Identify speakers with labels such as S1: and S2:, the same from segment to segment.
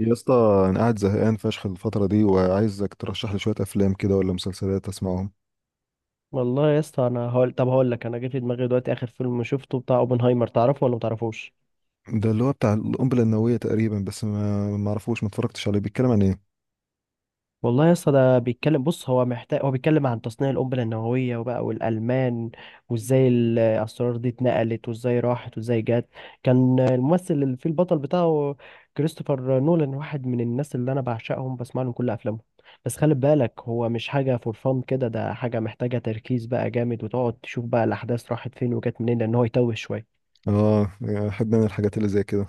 S1: يا اسطى، انا قاعد زهقان فشخ الفترة دي وعايزك ترشح لي شوية افلام كده ولا مسلسلات اسمعهم.
S2: والله يا اسطى، انا هقول طب هقول لك، انا جه في دماغي دلوقتي اخر فيلم شفته بتاع اوبنهايمر، تعرفه ولا متعرفوش؟
S1: ده اللي هو بتاع القنبلة النووية تقريبا، بس ما اعرفوش، ما اتفرجتش عليه. بيتكلم عن ايه؟
S2: والله يا اسطى، ده بيتكلم، بص، هو بيتكلم عن تصنيع القنبله النوويه وبقى والالمان، وازاي الاسرار دي اتنقلت وازاي راحت وازاي جت. كان الممثل اللي فيه البطل بتاعه كريستوفر نولان، واحد من الناس اللي انا بعشقهم، بسمع لهم كل افلامهم. بس خلي بالك، هو مش حاجه فور فان كده، ده حاجه محتاجه تركيز بقى جامد، وتقعد تشوف بقى الاحداث راحت فين وجت منين، لان هو يتوه شويه.
S1: اه، احب انا الحاجات اللي زي كده.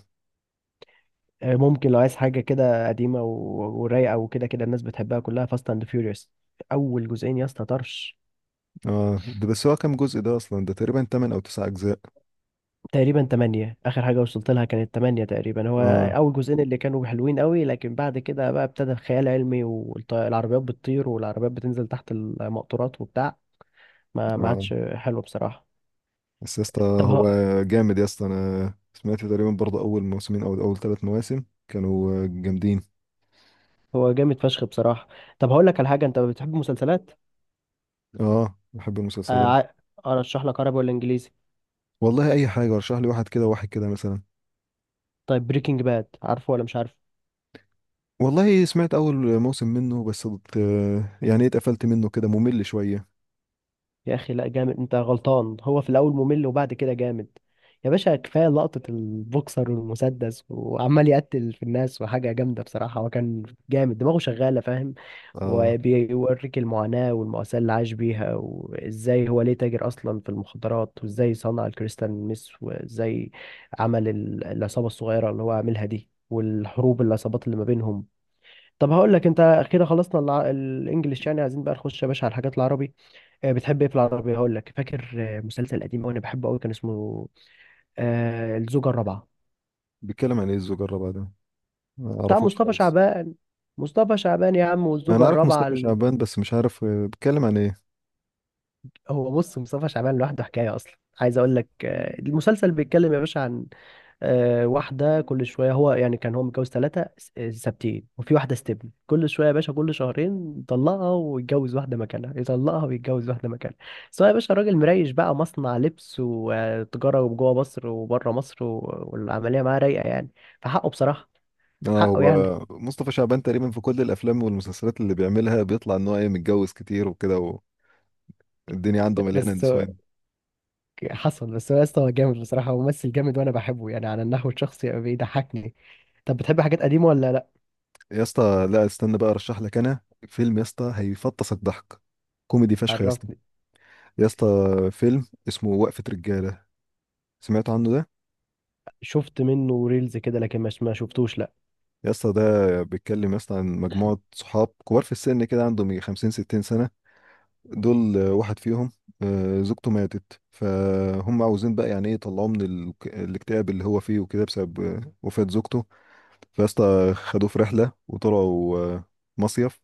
S2: ممكن لو عايز حاجة كده قديمة ورايقة وكده، كده الناس بتحبها كلها، فاست اند فيوريوس. أول جزئين يا اسطى طرش.
S1: اه ده، بس هو كام جزء ده اصلا؟ ده تقريبا 8 او 9 اجزاء.
S2: تقريبا تمانية، آخر حاجة وصلت لها كانت تمانية تقريبا، هو
S1: اه.
S2: أول جزئين اللي كانوا حلوين قوي، لكن بعد كده بقى ابتدى الخيال العلمي والعربيات بتطير والعربيات بتنزل تحت المقطورات وبتاع، ما
S1: اه
S2: عادش حلو بصراحة.
S1: بس يا اسطى
S2: طب
S1: هو
S2: هو
S1: جامد، يا اسطى. انا سمعت تقريبا برضه اول موسمين او اول ثلاث مواسم كانوا جامدين.
S2: هو جامد فشخ بصراحة. طب هقول لك على حاجة، أنت بتحب مسلسلات؟
S1: اه، بحب
S2: آه،
S1: المسلسلات.
S2: ع- أرشح لك عربي ولا إنجليزي؟
S1: والله اي حاجة، ارشح لي واحد كده واحد كده مثلا.
S2: طيب، بريكنج باد، عارفه ولا مش عارفه؟
S1: والله سمعت اول موسم منه بس يعني ايه، اتقفلت منه كده، ممل شويه.
S2: يا اخي لا، جامد، انت غلطان، هو في الاول ممل وبعد كده جامد. يا باشا، كفايه لقطه البوكسر والمسدس وعمال يقتل في الناس، وحاجه جامده بصراحه، هو كان جامد، دماغه شغاله، فاهم؟
S1: اه،
S2: وبيوريك المعاناه والمأساة اللي عاش بيها، وازاي هو ليه تاجر اصلا في المخدرات، وازاي صنع الكريستال ميس، وازاي عمل العصابه الصغيره اللي هو عاملها دي، والحروب العصابات اللي ما بينهم. طب هقول لك، انت اخيرا خلصنا الانجليش، يعني عايزين بقى نخش يا باشا على الحاجات العربي. بتحب ايه في العربية؟ هقول لك، فاكر مسلسل قديم قوي انا بحبه قوي، كان اسمه الزوجة الرابعة،
S1: بيتكلم عن ايه الزجرة بقى ده؟ ما
S2: بتاع
S1: اعرفوش
S2: مصطفى
S1: خالص.
S2: شعبان. مصطفى شعبان يا عم،
S1: انا
S2: والزوجة
S1: عارف
S2: الرابعة
S1: مصطفى شعبان، بس مش عارف بيتكلم عن ايه.
S2: هو بص، مصطفى شعبان لوحده حكاية اصلا. عايز اقول لك، المسلسل بيتكلم يا باشا عن واحدة كل شوية. هو يعني كان هو متجوز ثلاثة ثابتين، وفي واحدة استبن كل شوية يا باشا، كل شهرين يطلقها ويتجوز واحدة مكانها، يطلقها ويتجوز واحدة مكانها، سواء يا باشا. راجل مريش بقى، مصنع لبس وتجارة جوه مصر وبره مصر، والعملية معاه رايقة يعني، فحقه بصراحة.
S1: اه،
S2: حقه يعني.
S1: هو مصطفى شعبان تقريبا في كل الافلام والمسلسلات اللي بيعملها بيطلع ان هو ايه، متجوز كتير وكده. والدنيا عنده مليانه
S2: بس هو
S1: نسوان.
S2: حصل. بس هو يا اسطى هو جامد بصراحة، هو ممثل جامد، وأنا بحبه يعني على النحو الشخصي، بيضحكني. طب بتحب حاجات قديمة ولا لأ؟
S1: يا اسطى لا، استنى بقى ارشح لك انا فيلم يا اسطى هيفطسك ضحك، كوميدي فشخ يا اسطى.
S2: عرفني.
S1: يا اسطى، فيلم اسمه وقفه رجاله، سمعت عنه ده؟
S2: شفت منه ريلز كده لكن مش، ما شفتوش لا.
S1: يا اسطى ده بيتكلم يا اسطى عن مجموعة صحاب كبار في السن كده، عندهم يجي 50 60 سنة. دول واحد فيهم زوجته ماتت، فهم عاوزين بقى يعني ايه، يطلعوه من الاكتئاب اللي هو فيه وكده، بسبب وفاة زوجته. فيا اسطى خدوه في رحلة وطلعوا مصيف.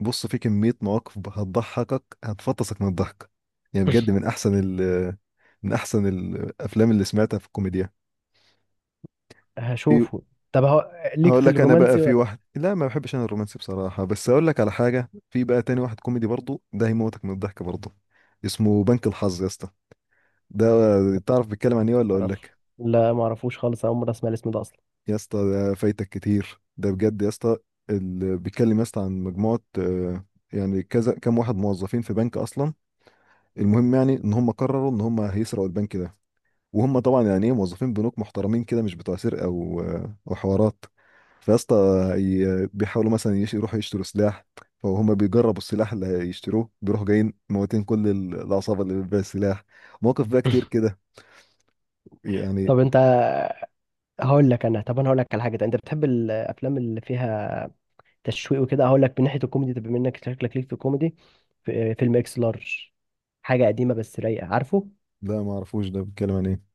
S1: بص، في كمية مواقف هتضحكك، هتفطسك من الضحك، يعني بجد من أحسن ال من أحسن الأفلام اللي سمعتها في الكوميديا.
S2: هشوفه. طب هو، ليك
S1: هقول
S2: في
S1: لك انا بقى
S2: الرومانسي ولا؟
S1: في واحد. لا، ما بحبش انا الرومانسي بصراحه، بس اقول لك على حاجه، في بقى تاني واحد كوميدي برضه ده هيموتك من الضحك برضه، اسمه بنك الحظ يا اسطى. ده تعرف بيتكلم عن ايه ولا اقول
S2: تعرف،
S1: لك؟
S2: لا ما اعرفوش خالص، اول مره اسمع الاسم ده اصلا.
S1: يا اسطى ده فايتك كتير، ده بجد يا اسطى. اللي بيتكلم يا اسطى عن مجموعه يعني كذا، كام واحد موظفين في بنك اصلا. المهم يعني ان هم قرروا ان هم هيسرقوا البنك ده، وهم طبعا يعني ايه، موظفين بنوك محترمين كده، مش بتوع سرقه وحوارات. فيا اسطى بيحاولوا مثلا يروحوا يشتروا سلاح، فهم بيجربوا السلاح اللي هيشتروه، بيروحوا جايين موتين كل العصابه اللي بتبيع السلاح. مواقف بقى كتير كده، يعني.
S2: طب انت هقول لك انا طب انا هقول لك على حاجه، انت بتحب الافلام اللي فيها تشويق وكده؟ هقول لك من ناحيه الكوميدي، طب بما انك شكلك ليك في الكوميدي، في فيلم اكس لارج. حاجه قديمه بس رايقه، عارفه؟
S1: لا، ما اعرفوش، ده بيتكلم عن ايه؟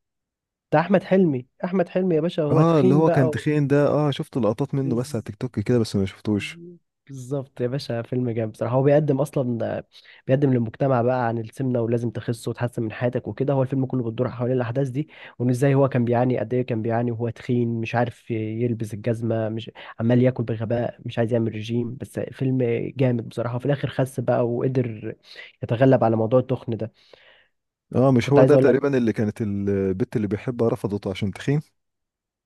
S2: بتاع احمد حلمي. احمد حلمي يا باشا هو
S1: اه، اللي
S2: تخين
S1: هو كان
S2: بقى
S1: تخين ده، اه شفت لقطات منه
S2: و...
S1: بس على تيك توك كده، بس ما شفتوش.
S2: بالظبط يا باشا، فيلم جامد بصراحة. هو بيقدم أصلا، بيقدم للمجتمع بقى عن السمنة، ولازم تخس وتحسن من حياتك وكده. هو الفيلم كله بتدور حوالين الأحداث دي، وإن إزاي هو كان بيعاني، قد إيه كان بيعاني وهو تخين، مش عارف يلبس الجزمة، مش عمال ياكل بغباء، مش عايز يعمل رجيم. بس فيلم جامد بصراحة، وفي الآخر خس بقى وقدر يتغلب على موضوع التخن ده.
S1: اه، مش
S2: كنت
S1: هو
S2: عايز
S1: ده
S2: أقول لك،
S1: تقريبا اللي كانت البت اللي بيحبها رفضته عشان تخين؟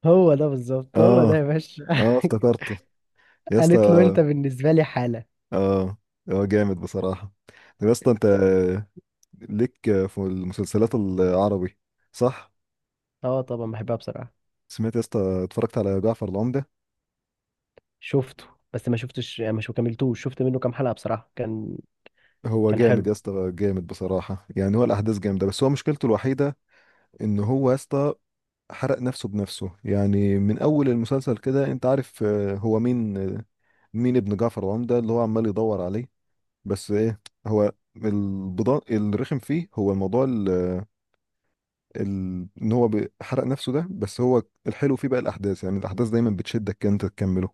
S2: هو ده بالظبط، هو ده
S1: اه،
S2: يا باشا.
S1: اه افتكرته. يا اسطى،
S2: قالت له أنت بالنسبة لي حالة.
S1: اه، هو جامد بصراحة. طب يا اسطى انت ليك في المسلسلات العربي، صح؟
S2: أه طبعا بحبها بصراحة.
S1: سمعت يا اسطى، اتفرجت على جعفر العمدة؟
S2: شفته، بس ما شفتش يعني، مش كملتوش، شفت منه كام حلقة بصراحة. كان،
S1: هو
S2: كان
S1: جامد
S2: حلو،
S1: يا اسطى، جامد بصراحة. يعني هو الأحداث جامدة، بس هو مشكلته الوحيدة إن هو يا اسطى حرق نفسه بنفسه. يعني من أول المسلسل كده أنت عارف هو مين مين ابن جعفر العمدة اللي هو عمال يدور عليه. بس إيه، هو البضاء الرخم فيه هو الموضوع. ان هو حرق نفسه ده. بس هو الحلو فيه بقى الاحداث، يعني الاحداث دايما بتشدك كده انت تكمله.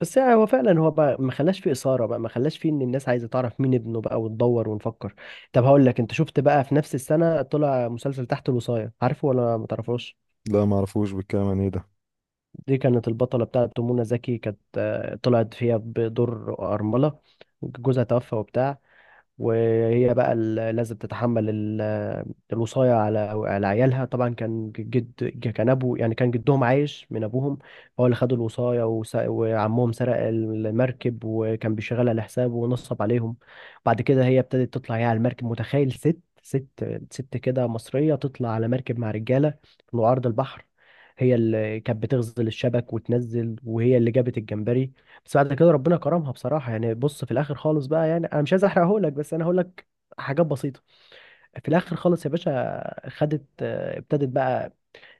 S2: بس يعني هو فعلا هو بقى ما خلاش فيه إثارة بقى، ما خلاش فيه إن الناس عايزة تعرف مين ابنه بقى وتدور ونفكر. طب هقول لك، أنت شفت بقى في نفس السنة طلع مسلسل تحت الوصاية، عارفه ولا ما تعرفوش؟
S1: لا ما اعرفوش، بيتكلم عن ايه ده؟
S2: دي كانت البطلة بتاعت منى زكي، كانت طلعت فيها بدور أرملة، جوزها توفى وبتاع، وهي بقى لازم تتحمل الوصاية على، على عيالها. طبعا كان جد، كان أبو يعني، كان جدهم عايش من أبوهم، هو اللي خد الوصاية، وعمهم سرق المركب وكان بيشغلها لحسابه ونصب عليهم. بعد كده هي ابتدت تطلع هي على المركب. متخيل ست كده مصرية تطلع على مركب مع رجالة في عرض البحر؟ هي اللي كانت بتغزل الشبك وتنزل، وهي اللي جابت الجمبري. بس بعد كده ربنا كرمها بصراحه يعني. بص في الاخر خالص بقى، يعني انا مش عايز احرقه لك بس انا هقول لك حاجات بسيطه. في الاخر خالص يا باشا، خدت ابتدت بقى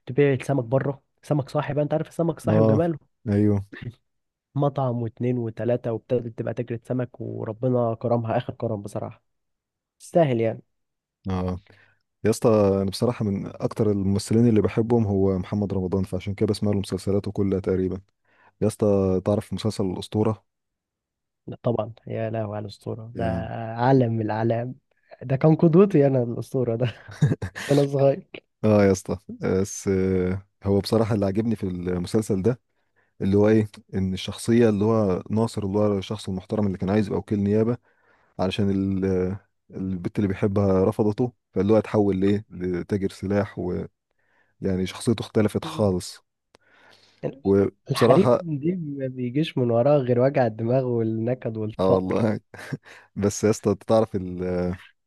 S2: تبيع السمك بره، سمك صاحي بقى، انت عارف السمك صاحي
S1: اه،
S2: وجماله.
S1: ايوه.
S2: مطعم واتنين وتلاته، وابتدت تبقى تجري سمك، وربنا كرمها اخر كرم بصراحه، تستاهل يعني.
S1: اه، يا اسطى انا بصراحه من اكتر الممثلين اللي بحبهم هو محمد رمضان، فعشان كده بسمع له مسلسلاته كلها تقريبا. يا اسطى تعرف مسلسل الاسطوره؟
S2: طبعا، يا لهوي على الاسطوره ده،
S1: يعني.
S2: عالم من الاعلام. ده كان قدوتي انا الاسطوره ده. وانا صغير.
S1: اه يا اسطى، بس هو بصراحة اللي عجبني في المسلسل ده، اللي هو ايه، ان الشخصية اللي هو ناصر، اللي هو الشخص المحترم اللي كان عايز يبقى وكيل نيابة، علشان البت اللي بيحبها رفضته، فاللي هو اتحول ليه لتاجر سلاح، ويعني شخصيته اختلفت خالص.
S2: الحريم
S1: وبصراحة،
S2: دي ما بيجيش من وراها غير وجع الدماغ والنكد
S1: اه
S2: والفقر.
S1: والله. بس يا اسطى أنت تعرف ال،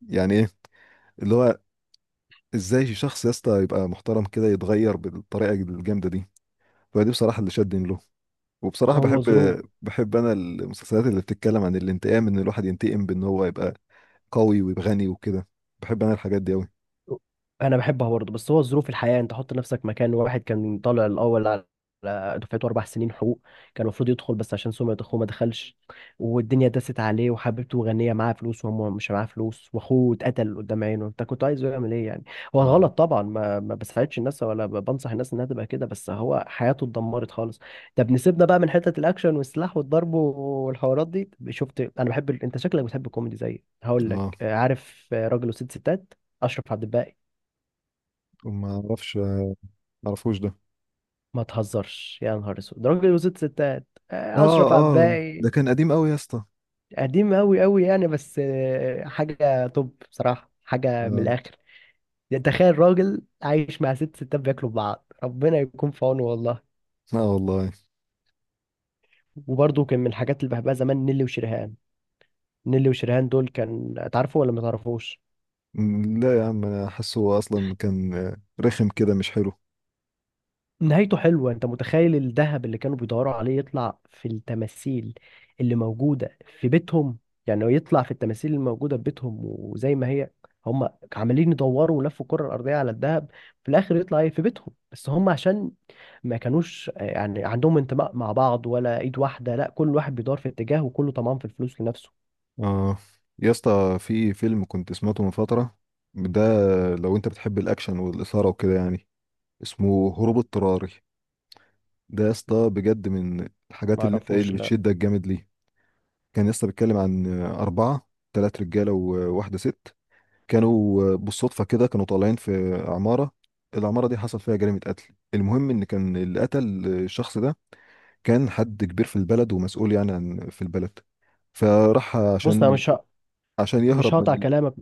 S1: يعني ايه، اللي هو ازاي شخص يا اسطى يبقى محترم كده يتغير بالطريقة الجامدة دي؟ فدي بصراحة اللي شدني له. وبصراحة بحب
S2: هو ظروف.
S1: بحب انا المسلسلات اللي بتتكلم عن الانتقام، ان الواحد ينتقم بان هو يبقى قوي ويبقى غني وكده. بحب انا الحاجات دي قوي.
S2: انا بحبها برضه، بس هو ظروف الحياه. انت حط نفسك مكان واحد كان طالع الاول على، على دفعته، 4 سنين حقوق، كان المفروض يدخل بس عشان سمعه اخوه ما دخلش، والدنيا دست عليه، وحبيبته غنيه معاها فلوس وهو مش معاه فلوس، واخوه اتقتل قدام عينه. انت كنت عايزه يعمل ايه يعني؟ هو
S1: نعم.
S2: غلط طبعا، ما بساعدش الناس ولا بنصح الناس انها تبقى كده، بس هو حياته اتدمرت خالص. طب نسيبنا بقى من حته الاكشن والسلاح والضرب والحوارات دي. شفت انا بحب انت شكلك بتحب الكوميدي زيي. هقول لك
S1: اه،
S2: عارف راجل وست ستات، اشرف عبد الباقي.
S1: وما اعرفش ما اعرفوش ده.
S2: ما تهزرش يا نهار اسود، ده راجل وست ستات،
S1: اه،
S2: اشرف عبد
S1: اه
S2: الباقي.
S1: ده كان قديم قوي يا اسطى.
S2: قديم قوي قوي يعني، بس حاجه توب بصراحه، حاجه من
S1: اه.
S2: الاخر. يعني تخيل راجل عايش مع ست ستات بياكلوا ببعض، ربنا يكون في عونه والله.
S1: اه والله.
S2: وبرضه كان من الحاجات اللي بحبها زمان نيلي وشريهان. نيلي وشريهان دول كان، تعرفوا ولا ما تعرفوش؟
S1: م، لا يا عم، انا حاسه اصلا كان رخم كده مش حلو.
S2: نهايته حلوة. انت متخيل الذهب اللي كانوا بيدوروا عليه يطلع في التماثيل اللي موجودة في بيتهم؟ يعني هو يطلع في التماثيل الموجودة في بيتهم وزي ما هي. هم عمالين يدوروا ولفوا الكرة الأرضية على الذهب، في الآخر يطلع ايه في بيتهم. بس هم عشان ما كانوش يعني عندهم انتماء مع بعض ولا إيد واحدة، لا كل واحد بيدور في اتجاه وكله طمعان في الفلوس لنفسه.
S1: اه، يا اسطى في فيلم كنت سمعته من فترة ده، لو انت بتحب الاكشن والاثارة وكده يعني، اسمه هروب اضطراري. ده يا اسطى بجد من الحاجات
S2: ما
S1: اللي انت ايه، اللي
S2: عرفوش لا.
S1: بتشدك جامد ليه. كان يا اسطى بيتكلم عن أربعة، تلات رجالة وواحدة ست، كانوا بالصدفة كده كانوا طالعين في عمارة، العمارة دي حصل فيها جريمة قتل. المهم إن كان اللي قتل الشخص ده كان حد كبير في البلد ومسؤول يعني عن في البلد، فراح
S2: بص أنا
S1: عشان عشان
S2: مش
S1: يهرب من
S2: هقطع
S1: ال...
S2: كلامك.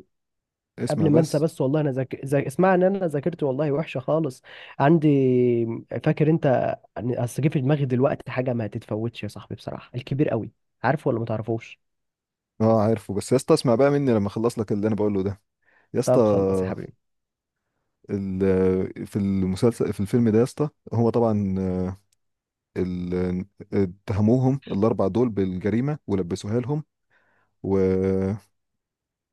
S1: اسمع
S2: قبل ما انسى،
S1: بس.
S2: بس والله انا اسمع، ان انا ذاكرت والله وحشه خالص عندي. فاكر انت، اصل جه في دماغي دلوقتي حاجه ما تتفوتش يا صاحبي بصراحه، الكبير قوي، عارفه ولا ما تعرفوش؟
S1: اه عارفه، بس يا اسطى اسمع بقى مني لما اخلص لك اللي انا بقوله ده. يا اسطى
S2: طب خلص يا حبيبي.
S1: ال... في المسلسل، في الفيلم ده يا اسطى، هو طبعا ال... اتهموهم الاربع دول بالجريمه ولبسوها لهم، و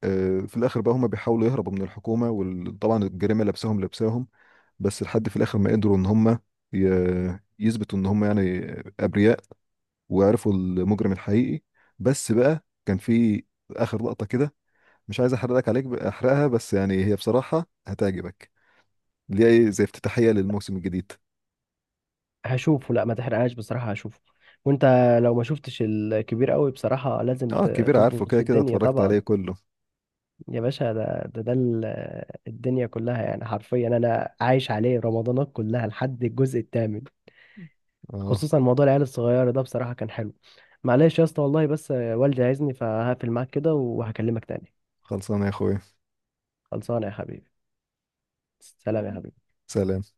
S1: في الاخر بقى هم بيحاولوا يهربوا من الحكومه، وطبعا الجريمه لابساهم، بس لحد في الاخر ما قدروا ان هم يثبتوا ان هم يعني ابرياء، وعرفوا المجرم الحقيقي. بس بقى كان في اخر لقطه كده، مش عايز احرق لك، عليك احرقها، بس يعني هي بصراحه هتعجبك، اللي هي إيه، زي افتتاحيه للموسم الجديد.
S2: هشوفه، لا ما تحرقهاش بصراحه، هشوفه. وانت لو ما شفتش الكبير قوي بصراحه لازم
S1: اه كبير، عارفه
S2: تظبط في
S1: كده كده،
S2: الدنيا
S1: اتفرجت
S2: طبعا.
S1: عليه كله.
S2: يا باشا الدنيا كلها يعني، حرفيا انا عايش عليه رمضانات كلها لحد الجزء الثامن.
S1: اه،
S2: خصوصا موضوع العيال الصغيرة ده بصراحة كان حلو. معلش يا اسطى، والله بس والدي عايزني، فهقفل معاك كده وهكلمك تاني.
S1: خلصانه يا اخويا.
S2: خلصانة يا حبيبي. سلام يا حبيبي.
S1: سلام.